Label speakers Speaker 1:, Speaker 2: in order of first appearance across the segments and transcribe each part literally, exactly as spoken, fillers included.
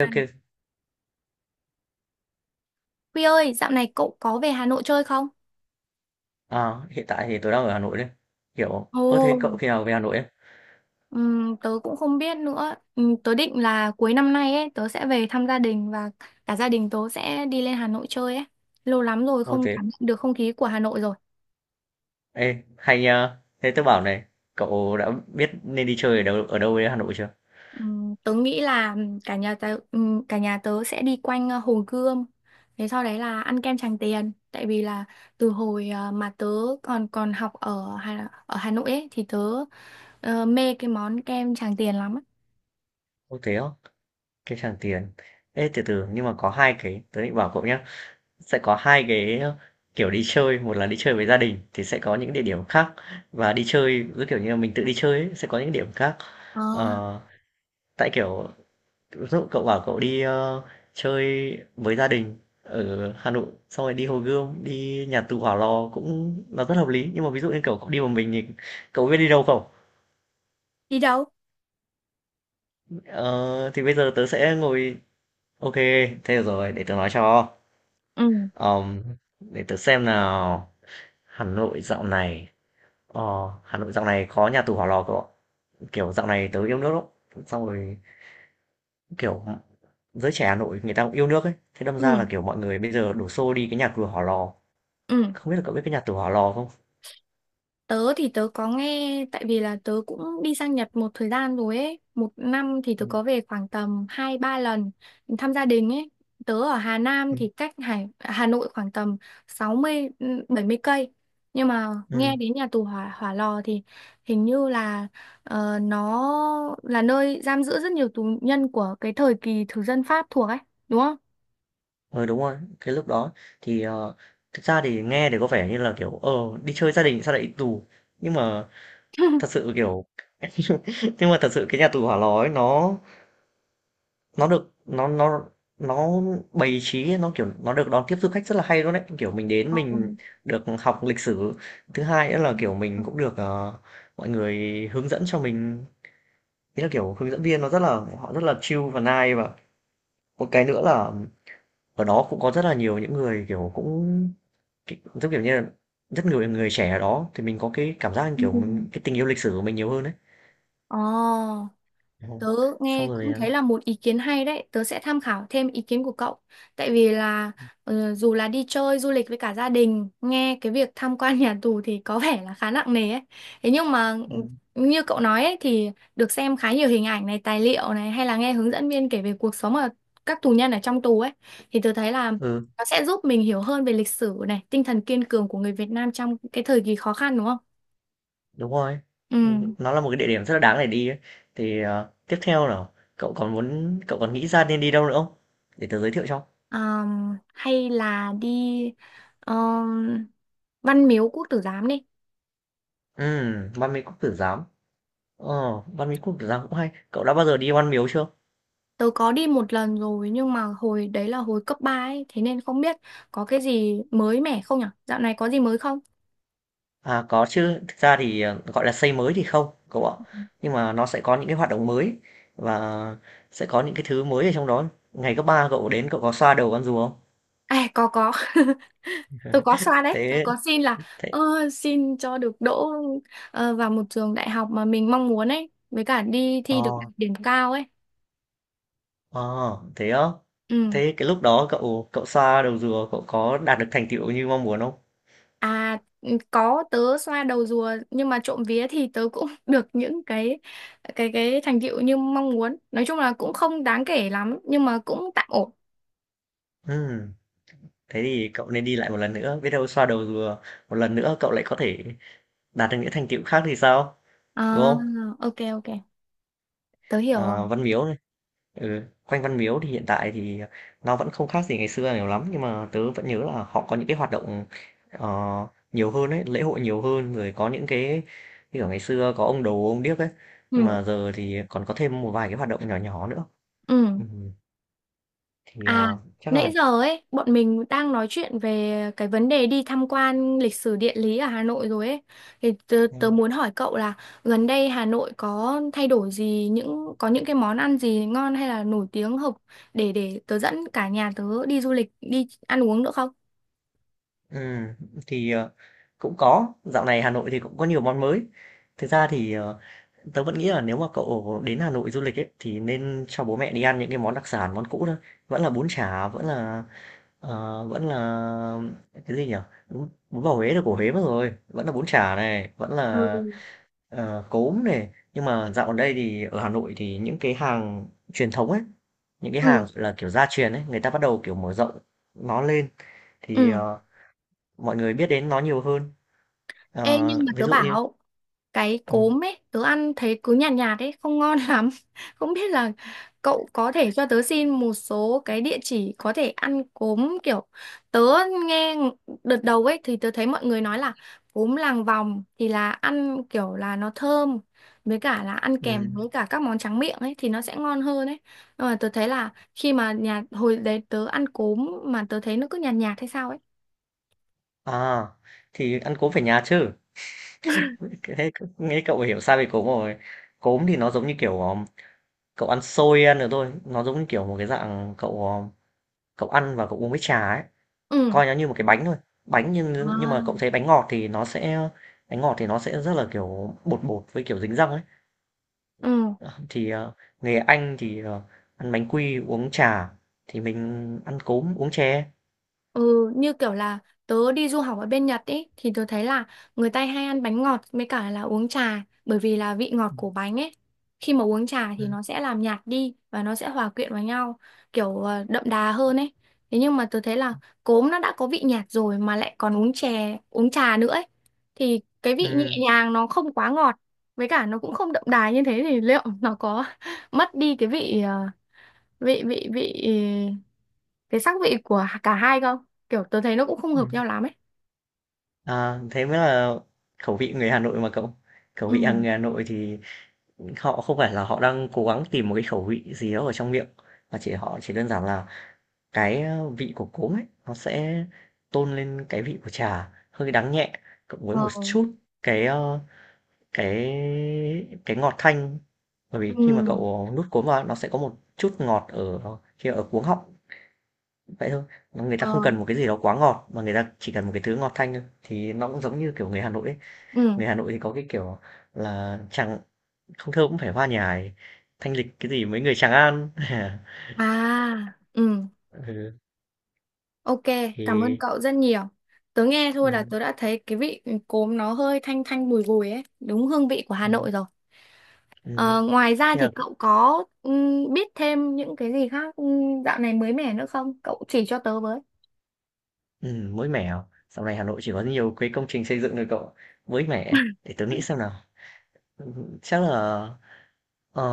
Speaker 1: À,
Speaker 2: OK.
Speaker 1: Huy ơi, dạo này cậu có về Hà Nội chơi không?
Speaker 2: Ờ, hiện tại thì tôi đang ở Hà Nội đấy. Kiểu, ơ thế cậu
Speaker 1: Ồ,
Speaker 2: khi nào về Hà Nội ấy?
Speaker 1: ừm, tớ cũng không biết nữa. Ừm, tớ định là cuối năm nay ấy, tớ sẽ về thăm gia đình và cả gia đình tớ sẽ đi lên Hà Nội chơi ấy. Lâu lắm rồi
Speaker 2: Ô
Speaker 1: không
Speaker 2: thế,
Speaker 1: cảm nhận được không khí của Hà Nội rồi.
Speaker 2: ê, hay nhờ. Thế tôi bảo này, cậu đã biết nên đi chơi ở đâu ở đâu ở Hà Nội chưa?
Speaker 1: Ừm, tớ nghĩ là ừm, cả nhà tớ, ừm, cả nhà tớ sẽ đi quanh ờ, Hồ Gươm. Thế sau đấy là ăn kem Tràng Tiền. Tại vì là từ hồi ờ, mà tớ còn còn học ở Hà, ở Hà Nội ấy thì tớ ờ, mê cái món kem Tràng Tiền lắm á.
Speaker 2: Ô thế á, cái Tràng Tiền. Ê, từ từ, nhưng mà có hai cái, tôi định bảo cậu nhé. Sẽ có hai cái ờ, kiểu đi chơi, một là đi chơi với gia đình thì sẽ có những địa điểm khác. Và đi chơi, cứ kiểu như là mình tự đi chơi ấy, sẽ có những địa điểm khác.
Speaker 1: Ờ,
Speaker 2: Ờ, tại kiểu, ví dụ cậu bảo cậu đi ờ, chơi với gia đình ở Hà Nội xong rồi đi Hồ Gươm, đi nhà tù Hỏa Lò cũng là rất hợp lý, nhưng mà ví dụ như kiểu cậu đi một mình thì cậu biết đi đâu không?
Speaker 1: đi đâu?
Speaker 2: Ờ, thì bây giờ tớ sẽ ngồi, ok, thế được rồi, để tớ nói cho.
Speaker 1: Ừ,
Speaker 2: Ờm, để tớ xem nào. Hà Nội dạo này, ờ, Hà Nội dạo này có nhà tù Hỏa Lò cậu ạ. Kiểu dạo này tớ yêu nước lắm, xong rồi kiểu giới trẻ Hà Nội người ta cũng yêu nước ấy, thế đâm ra
Speaker 1: ừ,
Speaker 2: là kiểu mọi người bây giờ đổ xô đi cái nhà tù Hỏa Lò.
Speaker 1: ừ,
Speaker 2: Không biết là cậu biết cái nhà tù Hỏa Lò không?
Speaker 1: tớ thì tớ có nghe, tại vì là tớ cũng đi sang Nhật một thời gian rồi ấy, một năm thì tớ
Speaker 2: Ừ,
Speaker 1: có về khoảng tầm hai ba lần thăm gia đình ấy. Tớ ở Hà Nam
Speaker 2: ừ, Ừm,
Speaker 1: thì cách Hải Hà Nội khoảng tầm sáu mươi, ừ, bảy mươi cây, nhưng mà
Speaker 2: ừ.
Speaker 1: nghe đến nhà tù hỏa Hỏa Lò thì hình như là ờ, nó là nơi giam giữ rất nhiều tù nhân của cái thời kỳ thực dân Pháp thuộc ấy, đúng không?
Speaker 2: Ờ, đúng rồi, cái lúc đó thì, ờ, thực ra thì nghe thì có vẻ như là, kiểu, ờ, đi chơi gia đình sao lại đi tù, nhưng mà thật sự, kiểu, nhưng mà thật sự cái nhà tù Hỏa Lò ấy nó nó được nó nó nó bày trí, nó, kiểu, nó được đón tiếp du khách rất là hay luôn đấy. Kiểu, mình đến
Speaker 1: Ừ.
Speaker 2: mình được học lịch sử, thứ hai nữa là, kiểu,
Speaker 1: Ừ.
Speaker 2: mình cũng được, ờ, mọi người hướng dẫn cho mình, ý là, kiểu, hướng dẫn viên nó rất là, họ rất là chill và nice. Và một cái nữa là ở đó cũng có rất là nhiều những người, kiểu, cũng rất kiểu như là, rất nhiều người trẻ ở đó thì mình có cái cảm giác như,
Speaker 1: Ừ.
Speaker 2: kiểu, mình cái tình yêu lịch sử của mình nhiều hơn đấy.
Speaker 1: Ồ.
Speaker 2: Ồ,
Speaker 1: Tớ
Speaker 2: xong
Speaker 1: nghe
Speaker 2: rồi,
Speaker 1: cũng
Speaker 2: à
Speaker 1: thấy là một ý kiến hay đấy, tớ sẽ tham khảo thêm ý kiến của cậu. Tại vì là ờ, dù là đi chơi du lịch với cả gia đình, nghe cái việc tham quan nhà tù thì có vẻ là khá nặng nề ấy. Thế nhưng mà ừ,
Speaker 2: ừm,
Speaker 1: như cậu nói ấy, thì được xem khá nhiều hình ảnh này, tài liệu này, hay là nghe hướng dẫn viên kể về cuộc sống ở các tù nhân ở trong tù ấy, thì tớ thấy là
Speaker 2: ừ,
Speaker 1: nó sẽ giúp mình hiểu hơn về lịch sử này, tinh thần kiên cường của người Việt Nam trong cái thời kỳ khó khăn, đúng không?
Speaker 2: đúng rồi.
Speaker 1: Ừ.
Speaker 2: Ừm, nó là một cái địa điểm rất là đáng để đi ấy. Thì, ờ, tiếp theo là cậu còn muốn cậu còn nghĩ ra nên đi đâu nữa không? Để tớ giới thiệu cho.
Speaker 1: Ờm, hay là đi ờm, Văn Miếu Quốc Tử Giám đi.
Speaker 2: Ừm, Ban Mỹ Quốc Tử Giám. Ờ, Ban Mỹ Quốc Tử Giám cũng hay. Cậu đã bao giờ đi Ban Miếu chưa?
Speaker 1: Tớ có đi một lần rồi nhưng mà hồi đấy là hồi cấp ba ấy, thế nên không biết có cái gì mới mẻ không nhở. Dạo này có gì mới không?
Speaker 2: À, có chứ. Thực ra thì, ờ, gọi là, xây mới thì không, cậu ạ. Nhưng mà nó sẽ có những cái hoạt động mới và sẽ có những cái thứ mới ở trong đó. Ngày cấp ba cậu đến cậu có xoa đầu con rùa không?
Speaker 1: À, có có. Tớ có xoa đấy, tớ
Speaker 2: Thế
Speaker 1: có xin là
Speaker 2: thế
Speaker 1: ơ, xin cho được đỗ ờ, vào một trường đại học mà mình mong muốn ấy, với cả đi thi được
Speaker 2: ờ,
Speaker 1: điểm cao ấy.
Speaker 2: ờ, thế á?
Speaker 1: Ừ.
Speaker 2: Thế cái lúc đó cậu cậu xoa đầu rùa cậu có đạt được thành tựu như mong muốn không?
Speaker 1: À ừ, có, tớ xoa đầu rùa nhưng mà trộm vía thì tớ cũng được những cái cái cái thành tựu như mong muốn. Nói chung là cũng không đáng kể lắm nhưng mà cũng tạm ổn.
Speaker 2: Ừm, thế thì cậu nên đi lại một lần nữa, biết đâu xoa đầu rùa một lần nữa cậu lại có thể đạt được những thành tựu khác thì sao,
Speaker 1: À,
Speaker 2: đúng không?
Speaker 1: ok ok. Tớ hiểu rồi.
Speaker 2: À, Văn Miếu. Ừ, quanh Văn Miếu thì hiện tại thì nó vẫn không khác gì ngày xưa nhiều lắm, nhưng mà tớ vẫn nhớ là họ có những cái hoạt động ờ, nhiều hơn ấy, lễ hội nhiều hơn, rồi có những cái như kiểu ngày xưa có ông đồ ông điếc ấy, nhưng
Speaker 1: Ừ.
Speaker 2: mà giờ thì còn có thêm một vài cái hoạt động nhỏ nhỏ nữa.
Speaker 1: Ừ.
Speaker 2: Ừ, thì
Speaker 1: À,
Speaker 2: ờ, chắc là
Speaker 1: nãy giờ ấy, bọn mình đang nói chuyện về cái vấn đề đi tham quan lịch sử địa lý ở Hà Nội rồi ấy. Thì tớ, tớ muốn hỏi cậu là gần đây Hà Nội có thay đổi gì, những có những cái món ăn gì ngon hay là nổi tiếng hợp để để tớ dẫn cả nhà tớ đi du lịch, đi ăn uống nữa không?
Speaker 2: ừ, thì ờ, cũng có, dạo này Hà Nội thì cũng có nhiều món mới. Thực ra thì ờ, tớ vẫn nghĩ là nếu mà cậu đến Hà Nội du lịch ấy thì nên cho bố mẹ đi ăn những cái món đặc sản món cũ thôi, vẫn là bún chả, vẫn là ờ, vẫn là cái gì nhỉ? Bún bún bò Huế là của Huế mất rồi, vẫn là bún chả này, vẫn là
Speaker 1: Ừ.
Speaker 2: ờ, cốm này. Nhưng mà dạo gần đây thì ở Hà Nội thì những cái hàng truyền thống ấy, những cái
Speaker 1: Ừ.
Speaker 2: hàng là kiểu gia truyền ấy, người ta bắt đầu kiểu mở rộng nó lên, thì
Speaker 1: Ừ.
Speaker 2: ờ, mọi người biết đến nó nhiều hơn.
Speaker 1: Ê
Speaker 2: Ờ,
Speaker 1: nhưng mà
Speaker 2: ví
Speaker 1: tớ
Speaker 2: dụ như
Speaker 1: bảo cái
Speaker 2: ừ,
Speaker 1: cốm ấy, tớ ăn thấy cứ nhạt nhạt ấy, không ngon lắm, không biết là cậu có thể cho tớ xin một số cái địa chỉ có thể ăn cốm, kiểu tớ nghe đợt đầu ấy thì tớ thấy mọi người nói là cốm làng vòng thì là ăn kiểu là nó thơm, với cả là ăn
Speaker 2: ừ.
Speaker 1: kèm với cả các món tráng miệng ấy thì nó sẽ ngon hơn ấy, nhưng mà tớ thấy là khi mà nhà hồi đấy tớ ăn cốm mà tớ thấy nó cứ nhạt nhạt hay sao ấy.
Speaker 2: À thì ăn cốm phải nhà chứ. Cái- thế nghe cậu hiểu sai về cốm rồi. Cốm thì nó giống như kiểu ờ, cậu ăn xôi ăn được thôi, nó giống như kiểu một cái dạng cậu ờ, cậu ăn và cậu uống với trà ấy,
Speaker 1: Ừ.
Speaker 2: coi nó như một cái bánh thôi. Bánh nhưng nhưng mà cậu
Speaker 1: À.
Speaker 2: thấy bánh ngọt thì nó sẽ, bánh ngọt thì nó sẽ rất là, kiểu, bột bột với, kiểu, dính răng ấy.
Speaker 1: Ừ.
Speaker 2: Ờ, thì, ờ, người Anh thì, ờ, ăn bánh quy, uống trà, thì mình ăn cốm, uống chè.
Speaker 1: Ừ, như kiểu là tớ đi du học ở bên Nhật ấy thì tớ thấy là người ta hay ăn bánh ngọt với cả là uống trà, bởi vì là vị ngọt
Speaker 2: Ừm,
Speaker 1: của bánh ấy khi mà uống trà thì
Speaker 2: ừm,
Speaker 1: nó sẽ làm nhạt đi và nó sẽ hòa quyện vào nhau, kiểu ờ, đậm đà hơn ấy. Thế nhưng mà tớ thấy là cốm nó đã có vị nhạt rồi mà lại còn uống chè, uống trà nữa ấy thì cái vị nhẹ
Speaker 2: ừm.
Speaker 1: nhàng nó không quá ngọt, với cả nó cũng không đậm đà như thế, thì liệu nó có mất đi cái vị ờ, vị vị vị cái sắc vị của cả hai không, kiểu tớ thấy nó cũng không hợp nhau lắm ấy.
Speaker 2: À, thế mới là khẩu vị người Hà Nội mà cậu. Khẩu
Speaker 1: Ừ.
Speaker 2: vị hàng người Hà Nội thì họ không phải là họ đang cố gắng tìm một cái khẩu vị gì đó ở trong miệng, mà chỉ họ chỉ đơn giản là cái, ơ, vị của cốm ấy, nó sẽ tôn lên cái vị của trà, hơi đắng nhẹ, cộng với
Speaker 1: Ờ.
Speaker 2: một chút cái, ơ, cái cái ngọt thanh, bởi vì
Speaker 1: Ừ.
Speaker 2: khi mà cậu nuốt cốm vào nó sẽ có một chút ngọt ở khi ở cuống họng, vậy thôi. Người ta
Speaker 1: Ờ.
Speaker 2: không cần một cái gì đó quá ngọt, mà người ta chỉ cần một cái thứ ngọt thanh thôi, thì nó cũng giống như kiểu người Hà Nội ấy.
Speaker 1: Ừ.
Speaker 2: Người Hà Nội thì có cái kiểu là chẳng không thơ cũng phải hoa nhài, thanh lịch cái gì mấy người Tràng An.
Speaker 1: À. Ừ.
Speaker 2: Ừ,
Speaker 1: Ok, cảm ơn
Speaker 2: thì
Speaker 1: cậu rất nhiều, tớ nghe thôi là
Speaker 2: ừm,
Speaker 1: tớ đã thấy cái vị cốm nó hơi thanh thanh bùi bùi ấy, đúng hương vị của Hà
Speaker 2: ừm,
Speaker 1: Nội rồi.
Speaker 2: ừm,
Speaker 1: ờ, Ngoài ra
Speaker 2: khi
Speaker 1: thì
Speaker 2: nào.
Speaker 1: cậu có ừm, biết thêm những cái gì khác ừm, dạo này mới mẻ nữa không, cậu chỉ cho tớ với.
Speaker 2: Ừm, mới mẻ à? Dạo này Hà Nội chỉ có nhiều cái công trình xây dựng thôi cậu. Mới mẻ, à? Để tớ nghĩ xem nào. Ừm, Chắc là ờ,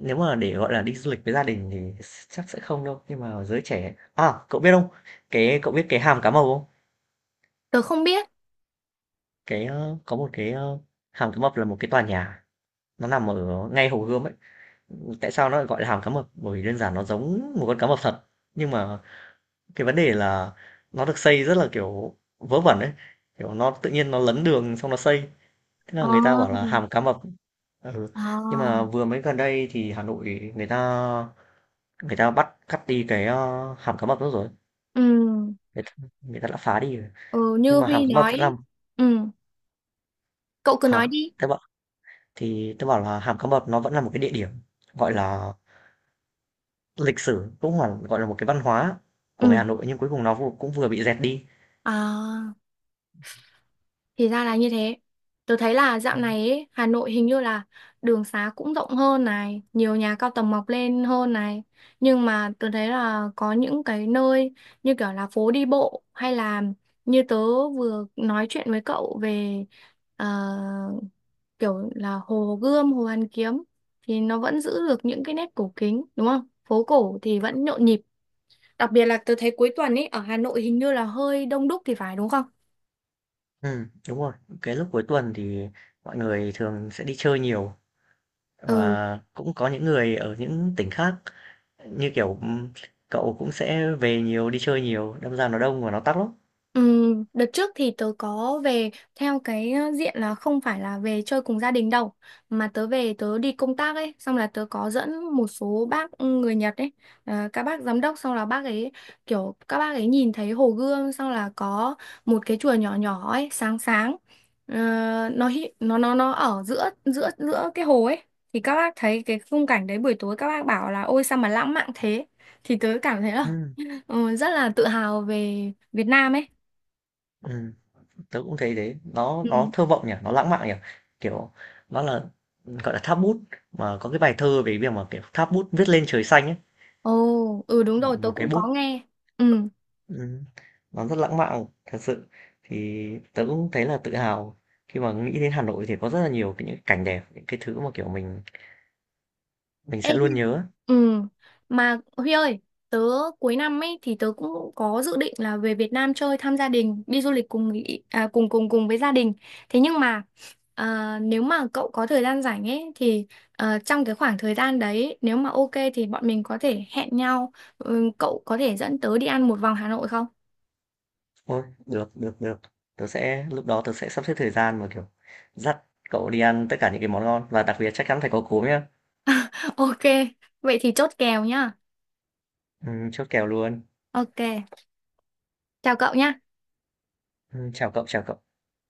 Speaker 2: nếu mà để gọi là đi du lịch với gia đình thì chắc sẽ không đâu, nhưng mà giới trẻ. À, cậu biết không? Cái cậu biết cái hàm cá mập không?
Speaker 1: Tớ không biết.
Speaker 2: Cái ờ, có một cái ờ, hàm cá mập là một cái tòa nhà, nó nằm ở ngay Hồ Gươm ấy. Tại sao nó lại gọi là hàm cá mập? Bởi vì đơn giản nó giống một con cá mập thật. Nhưng mà cái vấn đề là nó được xây rất là kiểu vớ vẩn ấy. Kiểu nó tự nhiên nó lấn đường xong nó xây, thế là người ta bảo là
Speaker 1: Ờ.
Speaker 2: hàm cá mập. Ừ.
Speaker 1: Ờ.
Speaker 2: Nhưng mà vừa mới gần đây thì Hà Nội người ta, người ta bắt cắt đi cái ờ, hàm cá mập đó rồi.
Speaker 1: Ừ.
Speaker 2: Người ta, người ta đã phá đi rồi.
Speaker 1: Ừ, như
Speaker 2: Nhưng mà hàm
Speaker 1: Huy
Speaker 2: cá mập vẫn
Speaker 1: nói.
Speaker 2: làm
Speaker 1: Ừ. Cậu cứ nói
Speaker 2: hả?
Speaker 1: đi.
Speaker 2: Thế bảo thì tôi bảo là hàm cá mập nó vẫn là một cái địa điểm gọi là lịch sử, cũng là gọi là một cái văn hóa của người
Speaker 1: Ừ.
Speaker 2: Hà Nội, nhưng cuối cùng nó vô- cũng vừa bị dẹt đi.
Speaker 1: À, thì ra là như thế. Tớ thấy là dạo này ấy, Hà Nội hình như là đường xá cũng rộng hơn này, nhiều nhà cao tầng mọc lên hơn này. Nhưng mà tớ thấy là có những cái nơi như kiểu là phố đi bộ, hay là như tớ vừa nói chuyện với cậu về ờ, kiểu là Hồ Gươm, Hồ Hoàn Kiếm thì nó vẫn giữ được những cái nét cổ kính, đúng không? Phố cổ thì vẫn nhộn nhịp. Đặc biệt là tớ thấy cuối tuần ấy ở Hà Nội hình như là hơi đông đúc thì phải, đúng không?
Speaker 2: Ừ, đúng rồi. Cái lúc cuối tuần thì mọi người thường sẽ đi chơi nhiều,
Speaker 1: Ừ.
Speaker 2: và cũng có những người ở những tỉnh khác, như kiểu, ừm, cậu cũng sẽ về nhiều, đi chơi nhiều, đâm ra nó đông và nó tắc lắm.
Speaker 1: Ừm, đợt trước thì tớ có về theo cái ờ, diện là không phải là về chơi cùng gia đình đâu, mà tớ về tớ đi công tác ấy, xong là tớ có dẫn một số bác ừ, người Nhật ấy, ờ, các bác giám đốc, xong là bác ấy, kiểu các bác ấy nhìn thấy hồ gươm xong là có một cái chùa nhỏ nhỏ ấy, sáng sáng. Ờ, nó hi- nó nó nó ở giữa giữa giữa cái hồ ấy, thì các bác thấy cái khung cảnh đấy buổi tối, các bác bảo là ôi sao mà lãng mạn thế, thì tớ cảm thấy là
Speaker 2: Ừm,
Speaker 1: ờ, rất là tự hào về Việt Nam ấy.
Speaker 2: ừm, tớ cũng thấy thế, nó nó
Speaker 1: Ừ.
Speaker 2: thơ vọng nhỉ, nó lãng mạn nhỉ, kiểu, nó là, gọi là, tháp bút, mà có cái bài thơ về việc mà, kiểu, tháp bút viết lên trời xanh ấy,
Speaker 1: Ồ, ừ đúng rồi, tớ
Speaker 2: một cái
Speaker 1: cũng có
Speaker 2: bút,
Speaker 1: nghe. Ừ.
Speaker 2: ừm, nó rất lãng mạn thật sự. Thì tớ cũng thấy là tự hào khi mà nghĩ đến Hà Nội thì có rất là nhiều cái những cảnh đẹp, những cái thứ mà, kiểu, mình mình
Speaker 1: Ê,
Speaker 2: sẽ luôn
Speaker 1: Hi-
Speaker 2: nhớ.
Speaker 1: ừ. Mà Huy ơi, tớ cuối năm ấy thì tớ cũng có dự định là về Việt Nam chơi thăm gia đình, đi du lịch cùng ý- à, cùng cùng cùng với gia đình. Thế nhưng mà à, nếu mà cậu có thời gian rảnh ấy thì à, trong cái khoảng thời gian đấy nếu mà ok thì bọn mình có thể hẹn nhau. Ừ, cậu có thể dẫn tớ đi ăn một vòng Hà Nội không?
Speaker 2: Ôi, được, được, được. Tớ sẽ, lúc đó tớ sẽ sắp xếp thời gian mà, kiểu, dắt cậu đi ăn tất cả những cái món ngon và đặc biệt chắc chắn phải có cốm nhá.
Speaker 1: Ok, vậy thì chốt kèo nhá.
Speaker 2: Ừm, chốt kèo luôn.
Speaker 1: Ok, chào cậu nhá.
Speaker 2: Ừm, chào cậu, chào cậu.